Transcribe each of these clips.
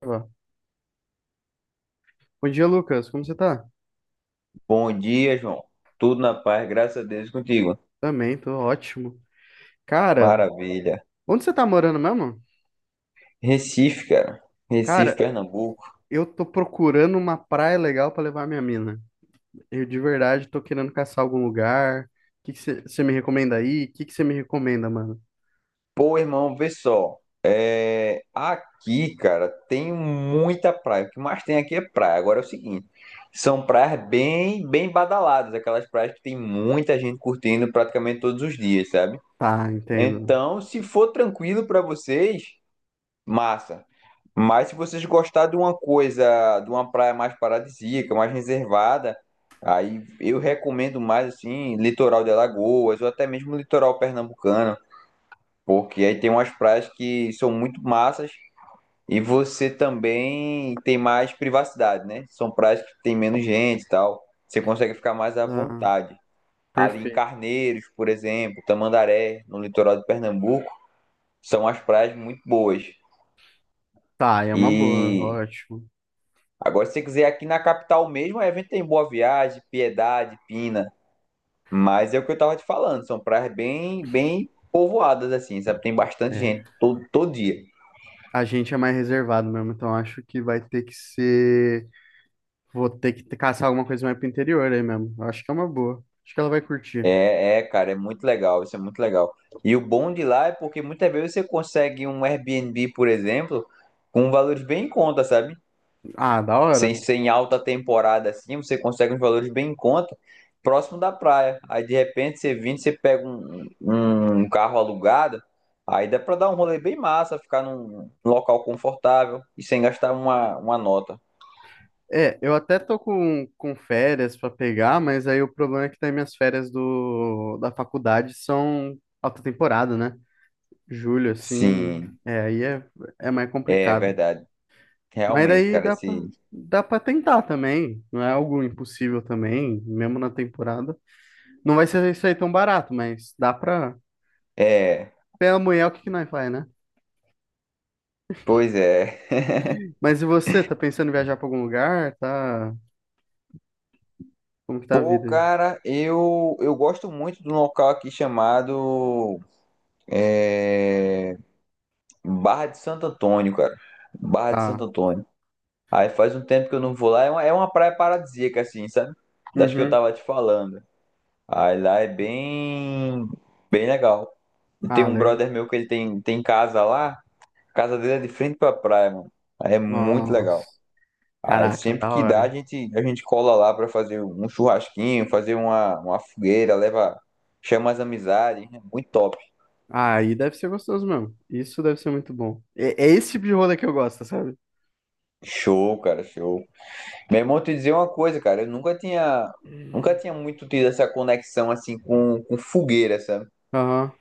Ó. Bom dia, Lucas. Como você tá? Bom dia, João. Tudo na paz, graças a Deus e contigo. Também, tô ótimo. Cara, Maravilha. onde você tá morando mesmo? Recife, cara. Recife, Cara, Pernambuco. eu tô procurando uma praia legal pra levar minha mina. Eu de verdade tô querendo caçar algum lugar. O que que você me recomenda aí? O que que você me recomenda, mano? Pô, irmão, vê só. Aqui, cara, tem muita praia. O que mais tem aqui é praia. Agora é o seguinte: são praias bem, bem badaladas, aquelas praias que tem muita gente curtindo praticamente todos os dias, sabe? Tá, entendo. Então, se for tranquilo pra vocês, massa. Mas se vocês gostarem de uma coisa, de uma praia mais paradisíaca, mais reservada, aí eu recomendo mais assim, litoral de Alagoas ou até mesmo litoral pernambucano, porque aí tem umas praias que são muito massas e você também tem mais privacidade, né? São praias que tem menos gente e tal. Você consegue ficar mais à Ah, vontade. Ali em perfeito. Carneiros, por exemplo, Tamandaré, no litoral de Pernambuco, são as praias muito boas. Tá, é uma boa, E ótimo. Agora, se você quiser aqui na capital mesmo, o evento tem Boa Viagem, Piedade, Pina. Mas é o que eu tava te falando, são praias bem, bem povoadas, assim, sabe? Tem bastante É. gente todo dia. A gente é mais reservado mesmo, então acho que vai ter que ser. Vou ter que caçar alguma coisa mais pro interior aí mesmo. Eu acho que é uma boa. Acho que ela vai curtir. É, é, cara, é muito legal, isso é muito legal. E o bom de lá é porque muitas vezes você consegue um Airbnb, por exemplo, com valores bem em conta, sabe? Ah, da Sem hora. ser em alta temporada assim, você consegue uns valores bem em conta, próximo da praia. Aí de repente você vindo, você pega um carro alugado, aí dá pra dar um rolê bem massa, ficar num local confortável e sem gastar uma nota. É, eu até tô com férias para pegar, mas aí o problema é que daí minhas férias da faculdade são alta temporada, né? Julho, assim, Sim, é, é mais é complicado. verdade. Mas Realmente, cara, esse. dá pra tentar também, não é algo impossível também, mesmo na temporada. Não vai ser isso aí tão barato, mas dá pra... É, Pela mulher, o que que nós faz, né? pois é. Mas e você, tá pensando em viajar pra algum lugar? Tá... Como que tá a Pô, vida aí? cara, eu gosto muito de um local aqui chamado é, Barra de Santo Antônio, cara. Barra de Santo Tá. Antônio. Aí faz um tempo que eu não vou lá. É uma praia paradisíaca, assim, sabe? Das que eu Uhum. tava te falando. Aí lá é bem, bem legal. E tem Ah, um legal. brother meu que ele tem casa lá. A casa dele é de frente pra praia, mano. Aí é muito Nossa. legal. Aí Caraca, sempre da que dá, a hora. gente, a gente cola lá pra fazer um churrasquinho, fazer uma fogueira, leva, chama as amizades. É muito top. Ah, aí deve ser gostoso mesmo. Isso deve ser muito bom. É, é esse tipo de rolê que eu gosto, sabe? Show, cara, show. Meu irmão, te dizer uma coisa, cara. Eu nunca Hum. tinha muito tido essa conexão assim com fogueira, sabe? Aham.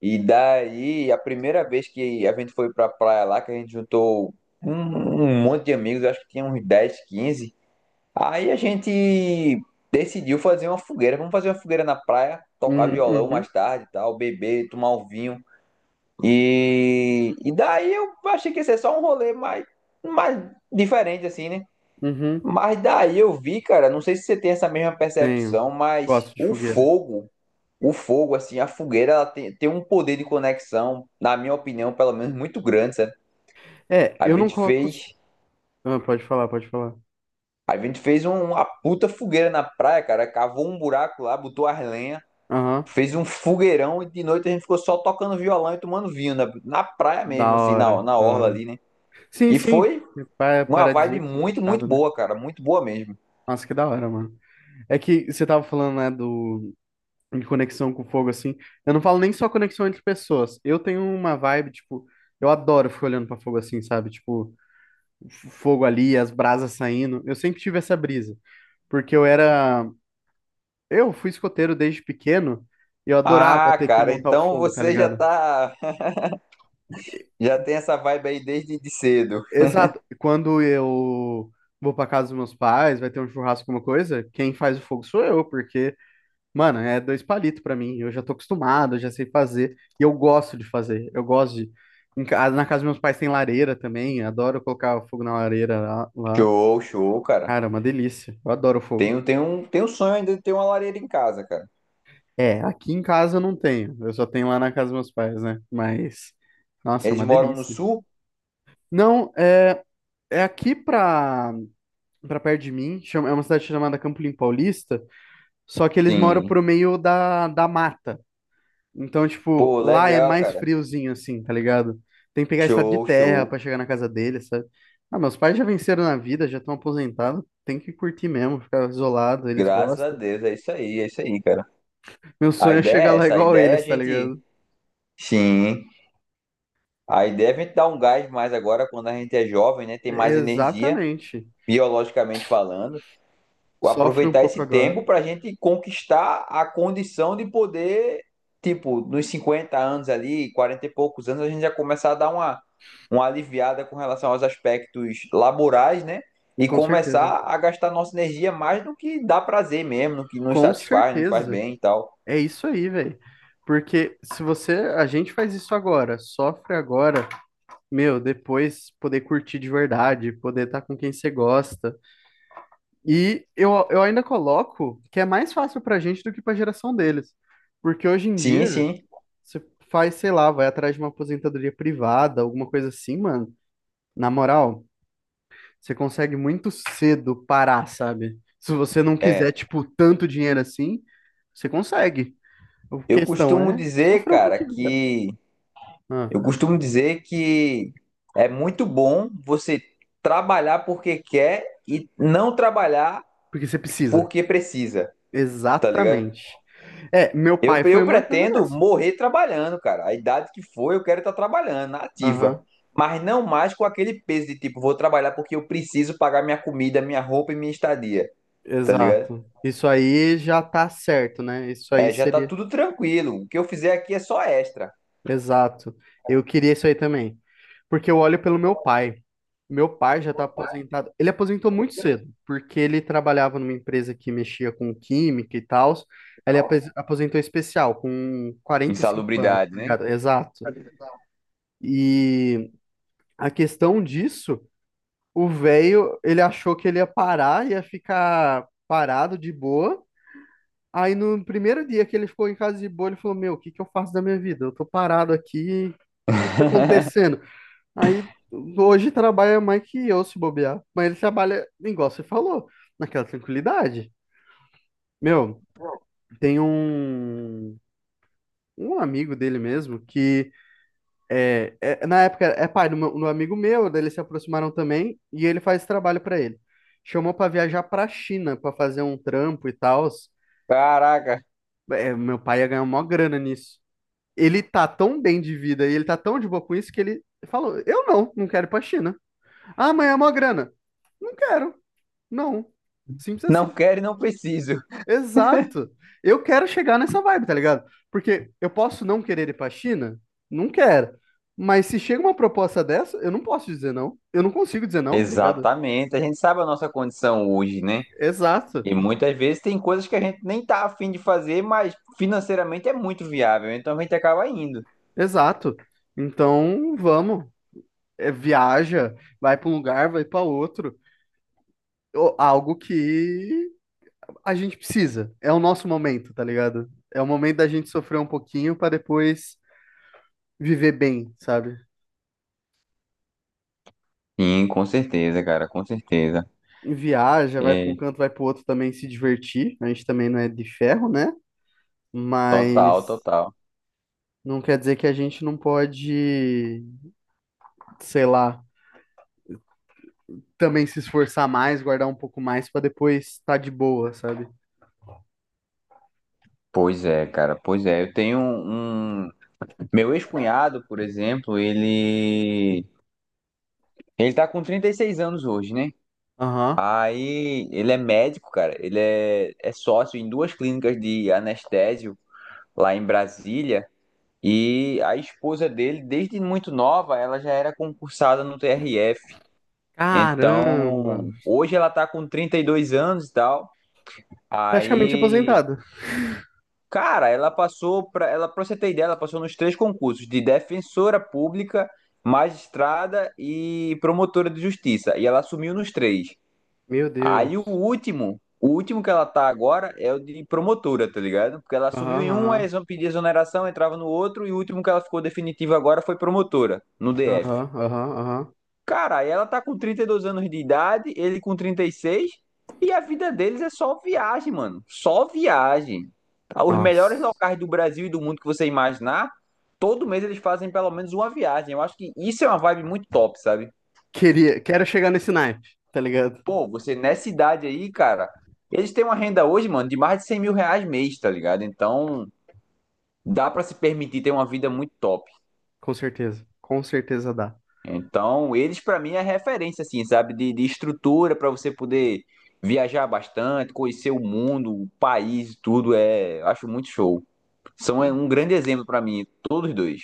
E daí, a primeira vez que a gente foi pra praia lá, que a gente juntou um monte de amigos, acho que tinha uns 10 15. Aí a gente decidiu fazer uma fogueira. Vamos fazer uma fogueira na praia, tocar Uhum, violão uhum, mais tarde e tal, beber, tomar um vinho. E daí eu achei que ia ser só um rolê mais, mais diferente, assim, né? uhum. Mas daí eu vi, cara, não sei se você tem essa mesma Tenho. percepção, mas Gosto de o fogueira. fogo o fogo, assim, a fogueira, ela tem um poder de conexão, na minha opinião, pelo menos, muito grande, sabe? É, A eu não gente coloco. fez, Ah, pode falar, pode falar. a gente fez um- uma puta fogueira na praia, cara, cavou um buraco lá, botou as lenhas, Aham. fez um fogueirão e de noite a gente ficou só tocando violão e tomando vinho, na praia Da mesmo, assim, na, hora, na da orla hora. ali, né? Sim, E sim. foi uma vibe Paradisíaco, assim, muito, muito fechado, né? boa, cara, muito boa mesmo. Nossa, que da hora, mano. É que você tava falando, né, do... de conexão com o fogo, assim. Eu não falo nem só conexão entre pessoas. Eu tenho uma vibe, tipo, eu adoro ficar olhando pra fogo assim, sabe? Tipo, fogo ali, as brasas saindo. Eu sempre tive essa brisa, porque eu era. Eu fui escoteiro desde pequeno e eu adorava Ah, ter que cara, montar o então fogo, tá você já ligado? tá, já tem essa vibe aí desde de cedo. Exato. Quando eu vou pra casa dos meus pais, vai ter um churrasco, alguma coisa, quem faz o fogo sou eu, porque, mano, é dois palitos pra mim. Eu já tô acostumado, eu já sei fazer. E eu gosto de fazer. Eu gosto de. Na casa dos meus pais tem lareira também. Adoro colocar o fogo na lareira lá. Show, show, cara. Cara, é uma delícia. Eu adoro o fogo. Tenho um sonho ainda de ter uma lareira em casa, cara. É, aqui em casa eu não tenho. Eu só tenho lá na casa dos meus pais, né? Mas, nossa, é Eles uma moram no delícia. sul? Não, é aqui pra perto de mim. É uma cidade chamada Campolim Paulista. Só que eles moram Sim. pro meio da mata. Então, tipo, Pô, lá é legal, mais cara. friozinho, assim, tá ligado? Tem que pegar estrada de Show, terra show. pra chegar na casa deles, sabe? Ah, meus pais já venceram na vida, já estão aposentados. Tem que curtir mesmo, ficar isolado, eles Graças a gostam. Deus, é isso aí, cara. Meu A sonho é chegar ideia é lá essa, a igual ideia é a eles, tá gente. ligado? Sim. A ideia é a gente dar um gás mais agora quando a gente é jovem, né? Tem mais energia, Exatamente. biologicamente falando. Sofre um Aproveitar pouco esse agora, tempo para a gente conquistar a condição de poder, tipo, nos 50 anos ali, 40 e poucos anos, a gente já começar a dar uma aliviada com relação aos aspectos laborais, né? E com certeza. começar a gastar nossa energia mais no que dá prazer mesmo, no que nos Com satisfaz, nos faz certeza. bem e tal. É isso aí, velho. Porque se você, a gente faz isso agora, sofre agora, meu, depois poder curtir de verdade, poder estar com quem você gosta. E eu ainda coloco que é mais fácil pra gente do que pra geração deles. Porque hoje em Sim, dia, sim. você faz, sei lá, vai atrás de uma aposentadoria privada, alguma coisa assim, mano. Na moral, você consegue muito cedo parar, sabe? Se você não quiser, É. tipo, tanto dinheiro assim, você consegue. A Eu questão costumo é dizer, sofrer um cara, pouquinho, cara. que. Ah, Eu costumo dizer que é muito bom você trabalhar porque quer e não trabalhar porque você precisa. porque precisa, tá ligado? Exatamente. É, meu Eu, pai foi eu uma coisa pretendo dessa. morrer trabalhando, cara. A idade que for, eu quero estar trabalhando, na ativa. Aham, Mas não mais com aquele peso de tipo, vou trabalhar porque eu preciso pagar minha comida, minha roupa e minha estadia, tá ligado? exato. Isso aí já tá certo, né? Isso aí É, já tá seria. tudo tranquilo. O que eu fizer aqui é só extra. Exato. Eu queria isso aí também. Porque eu olho pelo meu pai. Meu pai já está aposentado. Ele aposentou muito cedo, porque ele trabalhava numa empresa que mexia com química e tal. Ele aposentou especial, com 45 anos, Insalubridade, tá né? ligado? Exato. E a questão disso, o velho, ele achou que ele ia parar, ia ficar parado de boa. Aí no primeiro dia que ele ficou em casa de boa, ele falou: Meu, o que que eu faço da minha vida? Eu tô parado aqui, o que que tá acontecendo? Aí hoje trabalha mais que eu se bobear. Mas ele trabalha, igual você falou, naquela tranquilidade. Meu, tem um amigo dele mesmo que na época é pai do amigo meu, daí eles se aproximaram também e ele faz esse trabalho pra ele. Chamou pra viajar pra China pra fazer um trampo e tal. Caraca, É, meu pai ia ganhar uma grana nisso. Ele tá tão bem de vida e ele tá tão de boa com isso que ele falou: Eu não quero ir pra China. Ah, mas é uma grana. Não quero. Não. Simples assim. não quero e não preciso. Exato. Eu quero chegar nessa vibe, tá ligado? Porque eu posso não querer ir pra China? Não quero. Mas se chega uma proposta dessa, eu não posso dizer não. Eu não consigo dizer não, tá ligado? Exatamente. A gente sabe a nossa condição hoje, né? Exato. E muitas vezes tem coisas que a gente nem tá afim de fazer, mas financeiramente é muito viável. Então a gente acaba indo. Exato. Então, vamos. É, viaja, vai pra um lugar, vai pra outro. Ou algo que a gente precisa. É o nosso momento, tá ligado? É o momento da gente sofrer um pouquinho pra depois viver bem, sabe? Sim, com certeza, cara, com certeza. Viaja, vai para um É, canto, vai para o outro também se divertir. A gente também não é de ferro, né? total, Mas total. não quer dizer que a gente não pode, sei lá, também se esforçar mais, guardar um pouco mais para depois estar de boa, sabe? Pois é, cara, pois é. Eu tenho um. Meu ex-cunhado, por exemplo, ele. Ele tá com 36 anos hoje, né? Aham. Aí ele é médico, cara. Ele é sócio em duas clínicas de anestésio lá em Brasília. E a esposa dele, desde muito nova, ela já era concursada no TRF. Caramba! Então, hoje ela tá com 32 anos e tal. Praticamente Aí aposentado. cara, ela, para você ter ideia, ela passou nos três concursos de defensora pública, magistrada e promotora de justiça, e ela assumiu nos três. Meu Aí Deus. O último que ela tá agora é o de promotora, tá ligado? Porque ela assumiu em um, aí Aham, eles vão pedir exoneração, entrava no outro e o último que ela ficou definitivo agora foi promotora no aham, DF. aham, aham, aham. Cara, ela tá com 32 anos de idade, ele com 36, e a vida deles é só viagem, mano. Só viagem. Tá? Os melhores Nossa. locais do Brasil e do mundo que você imaginar, todo mês eles fazem pelo menos uma viagem. Eu acho que isso é uma vibe muito top, sabe? Queria, quero chegar nesse naipe, tá ligado? Pô, você nessa idade aí, cara, eles têm uma renda hoje, mano, de mais de 100 mil reais mês, tá ligado? Então, dá pra se permitir ter uma vida muito top. Com certeza. Com certeza dá. Então, eles para mim é referência, assim, sabe, de estrutura para você poder viajar bastante, conhecer o mundo, o país, tudo é, acho muito show. São é, um grande exemplo para mim, todos dois.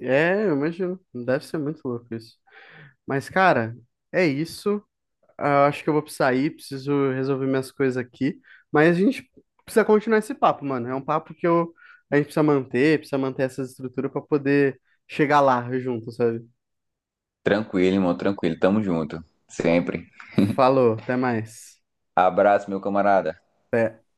É, eu imagino. Deve ser muito louco isso. Mas, cara, é isso. Ah, acho que eu vou sair, preciso resolver minhas coisas aqui. Mas a gente precisa continuar esse papo, mano. É um papo que eu, a gente precisa manter essa estrutura para poder chegar lá junto, sabe? Tranquilo, irmão, tranquilo, tamo junto, sempre. Falou, até mais. Abraço, meu camarada. Até.